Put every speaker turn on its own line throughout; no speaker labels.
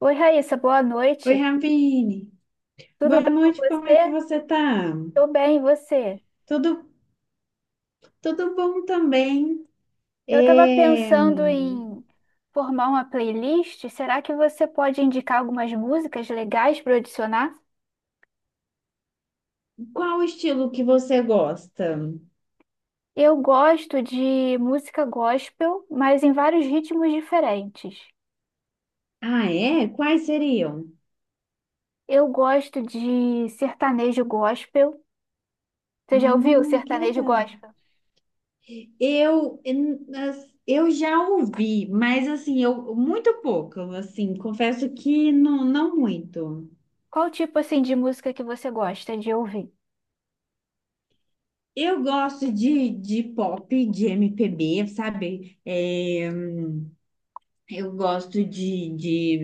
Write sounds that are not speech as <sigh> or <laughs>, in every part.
Oi, Raíssa, boa
Oi,
noite.
Ravine.
Tudo
Boa
bem com
noite, como é que
você?
você tá?
Tô bem, e você?
Tudo, tudo bom também?
Eu estava
É,
pensando em formar uma playlist. Será que você pode indicar algumas músicas legais para adicionar?
Qual o estilo que você gosta?
Eu gosto de música gospel, mas em vários ritmos diferentes.
Ah, é? Quais seriam?
Eu gosto de sertanejo gospel. Você já ouviu
Ah, que
sertanejo
legal.
gospel?
Eu já ouvi, mas assim, eu muito pouco, assim, confesso que não, não muito.
Qual tipo assim de música que você gosta de ouvir?
Eu gosto de pop, de MPB, sabe? Eu gosto de, de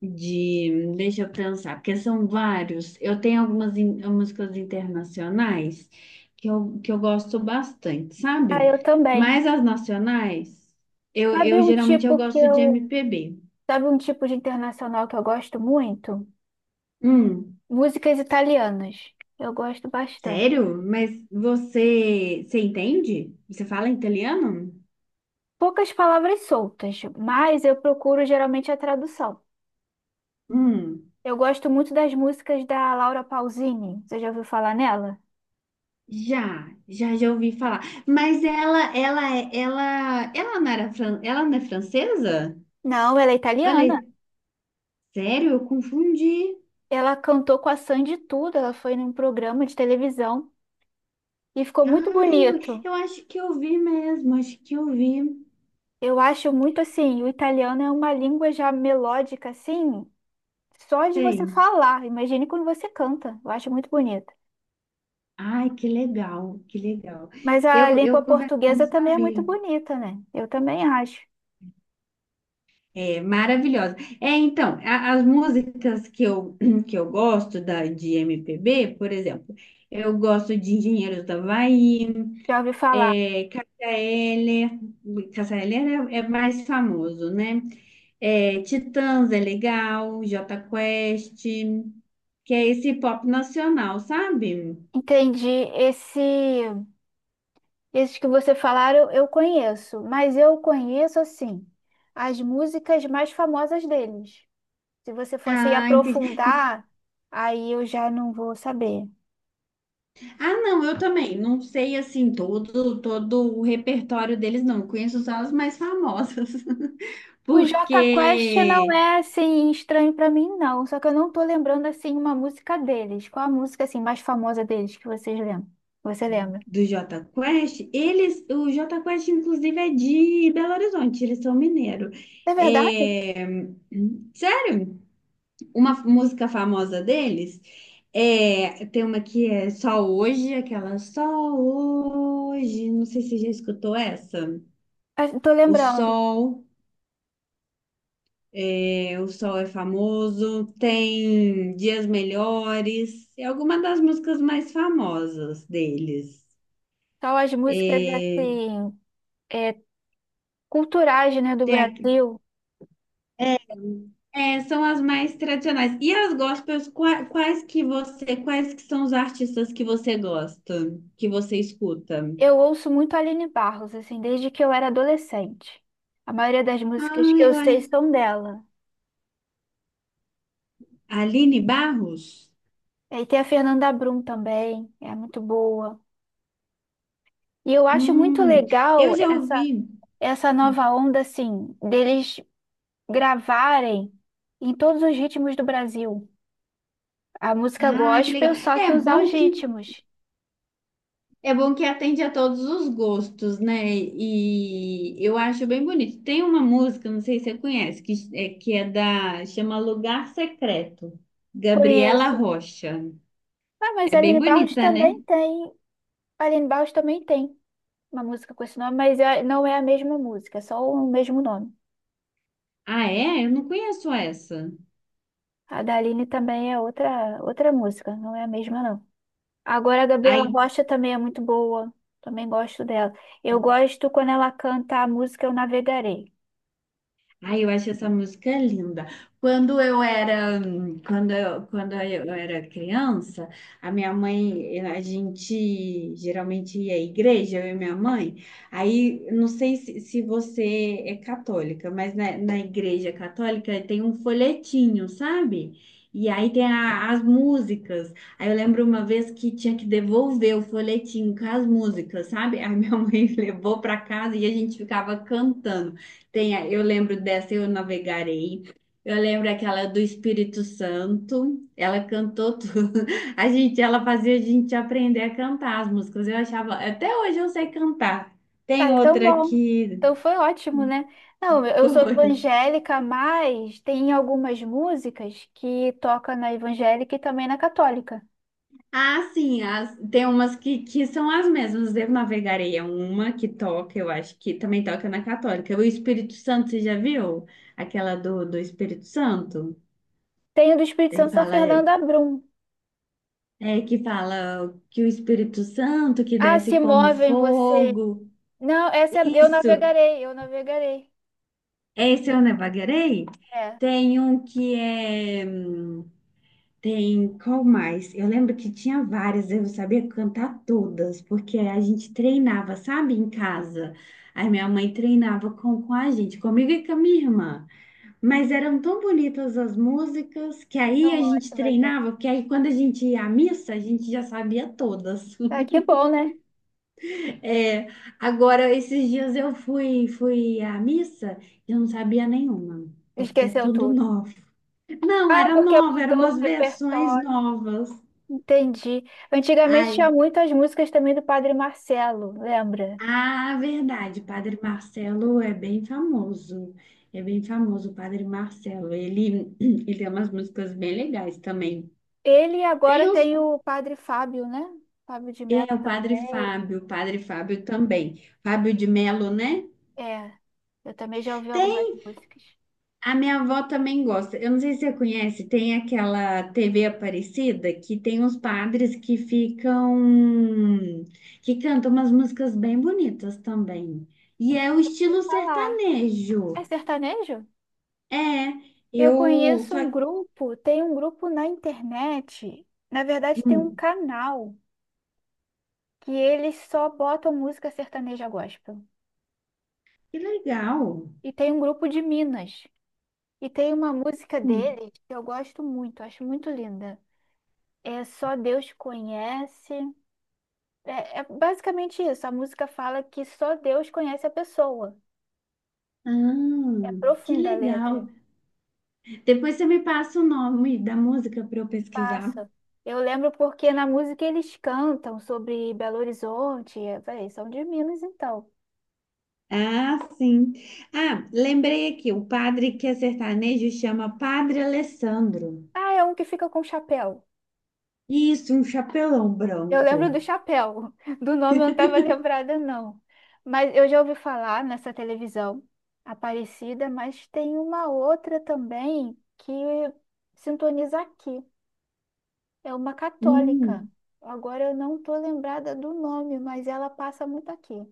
de, deixa eu pensar, porque são vários. Eu tenho algumas músicas internacionais que eu gosto bastante,
Ah,
sabe?
eu também.
Mas as nacionais,
Sabe
eu
um
geralmente eu
tipo que
gosto de
eu
MPB.
Sabe um tipo de internacional que eu gosto muito?
Hum,
Músicas italianas. Eu gosto bastante.
sério? Mas você entende? Você fala italiano?
Poucas palavras soltas, mas eu procuro geralmente a tradução.
Hum,
Eu gosto muito das músicas da Laura Pausini. Você já ouviu falar nela?
já ouvi falar. Mas ela não era, ela não é francesa?
Não, ela é
Olha,
italiana.
sério? Eu confundi.
Ela cantou com a Sandy tudo. Ela foi num programa de televisão e ficou muito
Ai, eu,
bonito.
eu acho que eu vi mesmo, acho que eu vi.
Eu acho muito assim, o italiano é uma língua já melódica assim, só de você
Sei.
falar. Imagine quando você canta. Eu acho muito bonito.
Ai, que legal, que legal.
Mas a
Eu,
língua
eu confesso que eu não
portuguesa também é muito
sabia.
bonita, né? Eu também acho.
É maravilhosa. É, então, as músicas <clears throat> que eu gosto de MPB, por exemplo, eu gosto de Engenheiros do Havaí,
Já ouvi falar.
é, Cássia Eller, Cássia Eller é mais famoso, né? É, Titãs é legal, Jota Quest, que é esse pop nacional, sabe?
Entendi. Esse, Esses que você falaram, eu conheço, mas eu conheço assim as músicas mais famosas deles. Se você fosse
Ah, entendi.
aprofundar, aí eu já não vou saber.
Ah, não, eu também. Não sei assim todo o repertório deles, não. Eu conheço só as mais famosas. <laughs>
O Jota Quest não
Porque
é assim estranho pra mim, não. Só que eu não tô lembrando assim uma música deles. Qual a música assim mais famosa deles que vocês lembram? Você lembra?
do Jota Quest, eles, o Jota Quest, inclusive, é de Belo Horizonte, eles são mineiros.
É verdade?
É... Uma música famosa deles é, tem uma que é Só Hoje, aquela Só Hoje, não sei se você já escutou essa.
Ah, tô
O
lembrando.
Sol, o Sol é famoso, tem Dias Melhores, é alguma das músicas mais famosas deles.
Só as músicas
É,
assim, é, culturais, né, do
tem aqui,
Brasil.
é, é, são as mais tradicionais. E as gospels, quais que você, quais que são os artistas que você gosta, que você escuta?
Eu ouço muito Aline Barros, assim, desde que eu era adolescente. A maioria das músicas
Ah,
que eu
eu
sei
acho.
são dela.
Aline Barros?
E tem a Fernanda Brum também, é muito boa. E eu acho muito
Hum,
legal
eu já
essa,
ouvi.
essa nova onda, assim, deles gravarem em todos os ritmos do Brasil. A música
Ah, que legal.
gospel, só que usar os ritmos.
É bom que atende a todos os gostos, né? E eu acho bem bonito. Tem uma música, não sei se você conhece, que é da, chama Lugar Secreto, Gabriela
Conheço.
Rocha.
Ah, mas
É bem
Aline Barros
bonita,
também
né?
tem. Aline Barros também tem uma música com esse nome, mas não é a mesma música, é só o mesmo nome.
Ah, é? Eu não conheço essa.
A da Aline também é outra, outra música, não é a mesma, não. Agora a Gabriela
Aí
Rocha também é muito boa, também gosto dela. Eu gosto quando ela canta a música Eu Navegarei.
ai, eu acho essa música linda. Quando eu era, quando eu era criança, a minha mãe, a gente geralmente ia à igreja, eu e minha mãe. Aí, não sei se, se você é católica, mas na igreja católica tem um folhetinho, sabe? E aí tem as músicas. Aí eu lembro uma vez que tinha que devolver o folhetinho com as músicas, sabe? Aí minha <laughs> mãe levou para casa e a gente ficava cantando. Tem, eu lembro dessa, eu navegarei. Eu lembro aquela do Espírito Santo. Ela cantou tudo. <laughs> A gente, ela fazia a gente aprender a cantar as músicas. Eu achava, até hoje eu sei cantar. Tem
Ah, então
outra
bom.
que
Então foi ótimo, né? Não,
<laughs>
eu sou
foi.
evangélica, mas tem algumas músicas que toca na evangélica e também na católica.
Ah, sim, tem umas que são as mesmas. Eu navegarei é uma que toca, eu acho que também toca na Católica. O Espírito Santo, você já viu? Aquela do Espírito Santo?
Tem o do Espírito
Ele
Santo da
fala.
Fernanda Brum.
É que fala que o Espírito Santo que
Ah,
desce
se
como
move em você.
fogo.
Não, essa... eu
Isso.
navegarei, eu navegarei.
Esse eu não vagueirei.
É,
Tem um que é. Hum, tem qual mais? Eu lembro que tinha várias, eu não sabia cantar todas, porque a gente treinava, sabe, em casa. Aí minha mãe treinava com a gente, comigo e com a minha irmã. Mas eram tão bonitas as músicas que aí
tão
a gente
ótima, gente.
treinava, porque aí quando a gente ia à missa, a gente já sabia todas.
Ah, que bom, né?
É, agora, esses dias fui à missa e eu não sabia nenhuma, porque é
Esqueceu
tudo
tudo.
novo. Não,
Ah,
era
porque
nova, eram
mudou o
umas versões
repertório.
novas.
Entendi. Antigamente tinha
Ai,
muitas músicas também do Padre Marcelo, lembra?
ah, verdade, Padre Marcelo é bem famoso. É bem famoso o Padre Marcelo. Ele, <clears throat> ele tem umas músicas bem legais também.
Ele
Tem
agora
os,
tem o Padre Fábio, né? Fábio de Melo
é,
também.
O Padre Fábio também. Fábio de Melo, né?
É, eu também já ouvi
Tem
algumas músicas.
a minha avó também gosta. Eu não sei se você conhece, tem aquela TV Aparecida que tem uns padres que ficam, que cantam umas músicas bem bonitas também. E é o
Eu já ouvi
estilo
falar.
sertanejo.
É sertanejo?
É,
Eu
eu
conheço
só.
um grupo, tem um grupo na internet. Na verdade, tem um
Hum,
canal que eles só botam música sertaneja gospel.
que legal.
E tem um grupo de Minas. E tem uma música
Hum,
deles que eu gosto muito, acho muito linda. É Só Deus Conhece. É, é basicamente isso. A música fala que só Deus conhece a pessoa.
Ah,
É
que
profunda a letra.
legal. Depois você me passa o nome da música para eu pesquisar.
Passa. Eu lembro porque na música eles cantam sobre Belo Horizonte. Eu falei, são de Minas então.
Ah, sim. Ah, lembrei aqui, o padre que é sertanejo chama Padre Alessandro.
Ah, é um que fica com chapéu.
Isso, um chapelão
Eu lembro
branco.
do chapéu. <laughs> Do nome eu não estava lembrada, não. Mas eu já ouvi falar nessa televisão Aparecida, mas tem uma outra também que sintoniza aqui. É uma católica.
Hum,
Agora eu não estou lembrada do nome, mas ela passa muito aqui.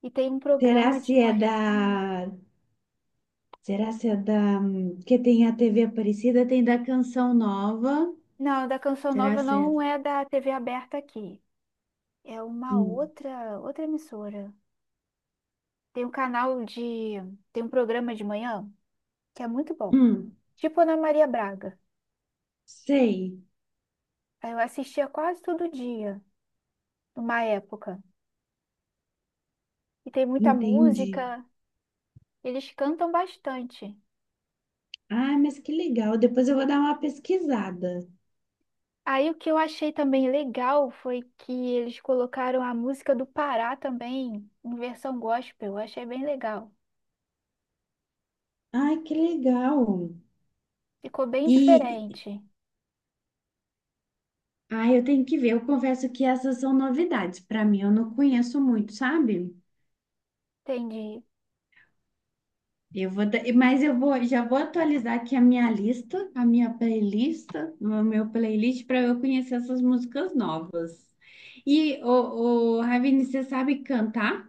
E tem um
será
programa de
se é
manhã.
da... Será se é da... que tem a TV Aparecida, tem da Canção Nova.
Não, da Canção
Será
Nova
se é...
não é da TV aberta aqui. É uma
Hum,
outra, outra emissora. Tem um canal de, tem um programa de manhã que é muito bom.
hum,
Tipo Ana Maria Braga.
sei,
Aí eu assistia quase todo dia, numa época. E tem muita
entendi.
música, eles cantam bastante.
Ah, mas que legal. Depois eu vou dar uma pesquisada.
Aí o que eu achei também legal foi que eles colocaram a música do Pará também, em versão gospel. Eu achei bem legal.
Ai, que legal.
Ficou bem
E
diferente.
ah, eu tenho que ver. Eu confesso que essas são novidades. Para mim, eu não conheço muito, sabe?
Entendi.
Eu vou, da- mas eu vou, já vou atualizar aqui a minha lista, a minha playlist, o meu playlist para eu conhecer essas músicas novas. E o, Ravine, você sabe cantar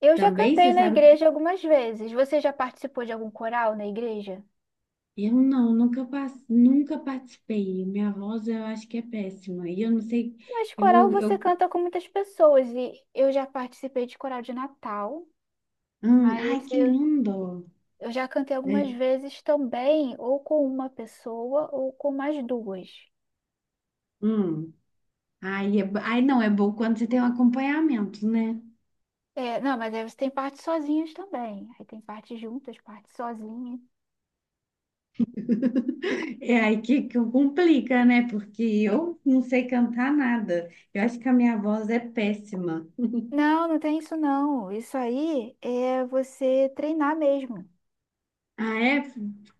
Eu já
também?
cantei
Você
na
sabe?
igreja algumas vezes. Você já participou de algum coral na igreja?
Eu não, nunca, pas- nunca participei. Minha voz eu acho que é péssima. E eu não sei.
Mas coral
Eu,
você
eu,
canta com muitas pessoas e eu já participei de coral de Natal. Mas
ai, que
eu
lindo!
Eu já cantei
Né?
algumas vezes também, ou com uma pessoa, ou com mais duas.
Hum. Aí, é, aí não é bom quando você tem um acompanhamento, né?
É, não, mas aí você tem partes sozinhas também. Aí tem partes juntas, partes sozinhas.
É aí que complica, né? Porque eu não sei cantar nada. Eu acho que a minha voz é péssima.
Não, não tem isso não. Isso aí é você treinar mesmo.
Ah, é?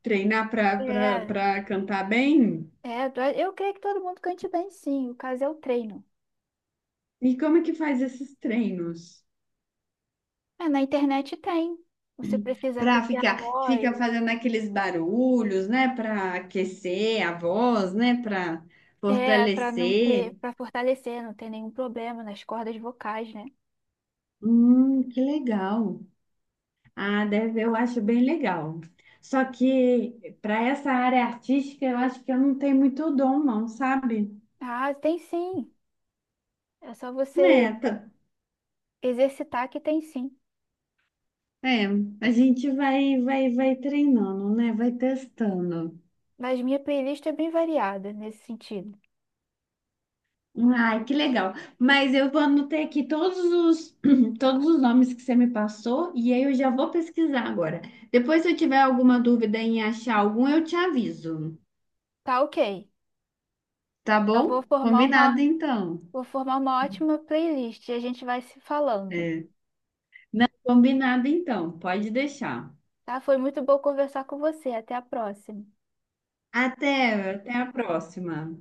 Treinar para para
É,
para cantar bem?
é, eu creio que todo mundo cante bem, sim. O caso é o treino.
E como é que faz esses treinos?
É, na internet tem. Você precisa
Para
aquecer a
ficar,
voz,
fica fazendo aqueles barulhos, né? Para aquecer a voz, né? Para
é, para não ter,
fortalecer.
para fortalecer, não ter nenhum problema nas cordas vocais, né?
Que legal. Ah, deve, eu acho bem legal. Só que para essa área artística, eu acho que eu não tenho muito dom, não, sabe?
Ah, tem sim. É só
É,
você
tá-
exercitar que tem sim,
é, a gente vai treinando, né? Vai testando.
mas minha playlist é bem variada nesse sentido.
Ai, que legal. Mas eu vou anotar aqui todos os, <clears throat> todos os nomes que você me passou e aí eu já vou pesquisar agora. Depois, se eu tiver alguma dúvida em achar algum, eu te aviso.
Tá, ok.
Tá
Eu
bom? Combinado então.
vou formar uma ótima playlist e a gente vai se falando.
É. Não, combinado então. Pode deixar.
Tá? Foi muito bom conversar com você. Até a próxima.
Até, até a próxima.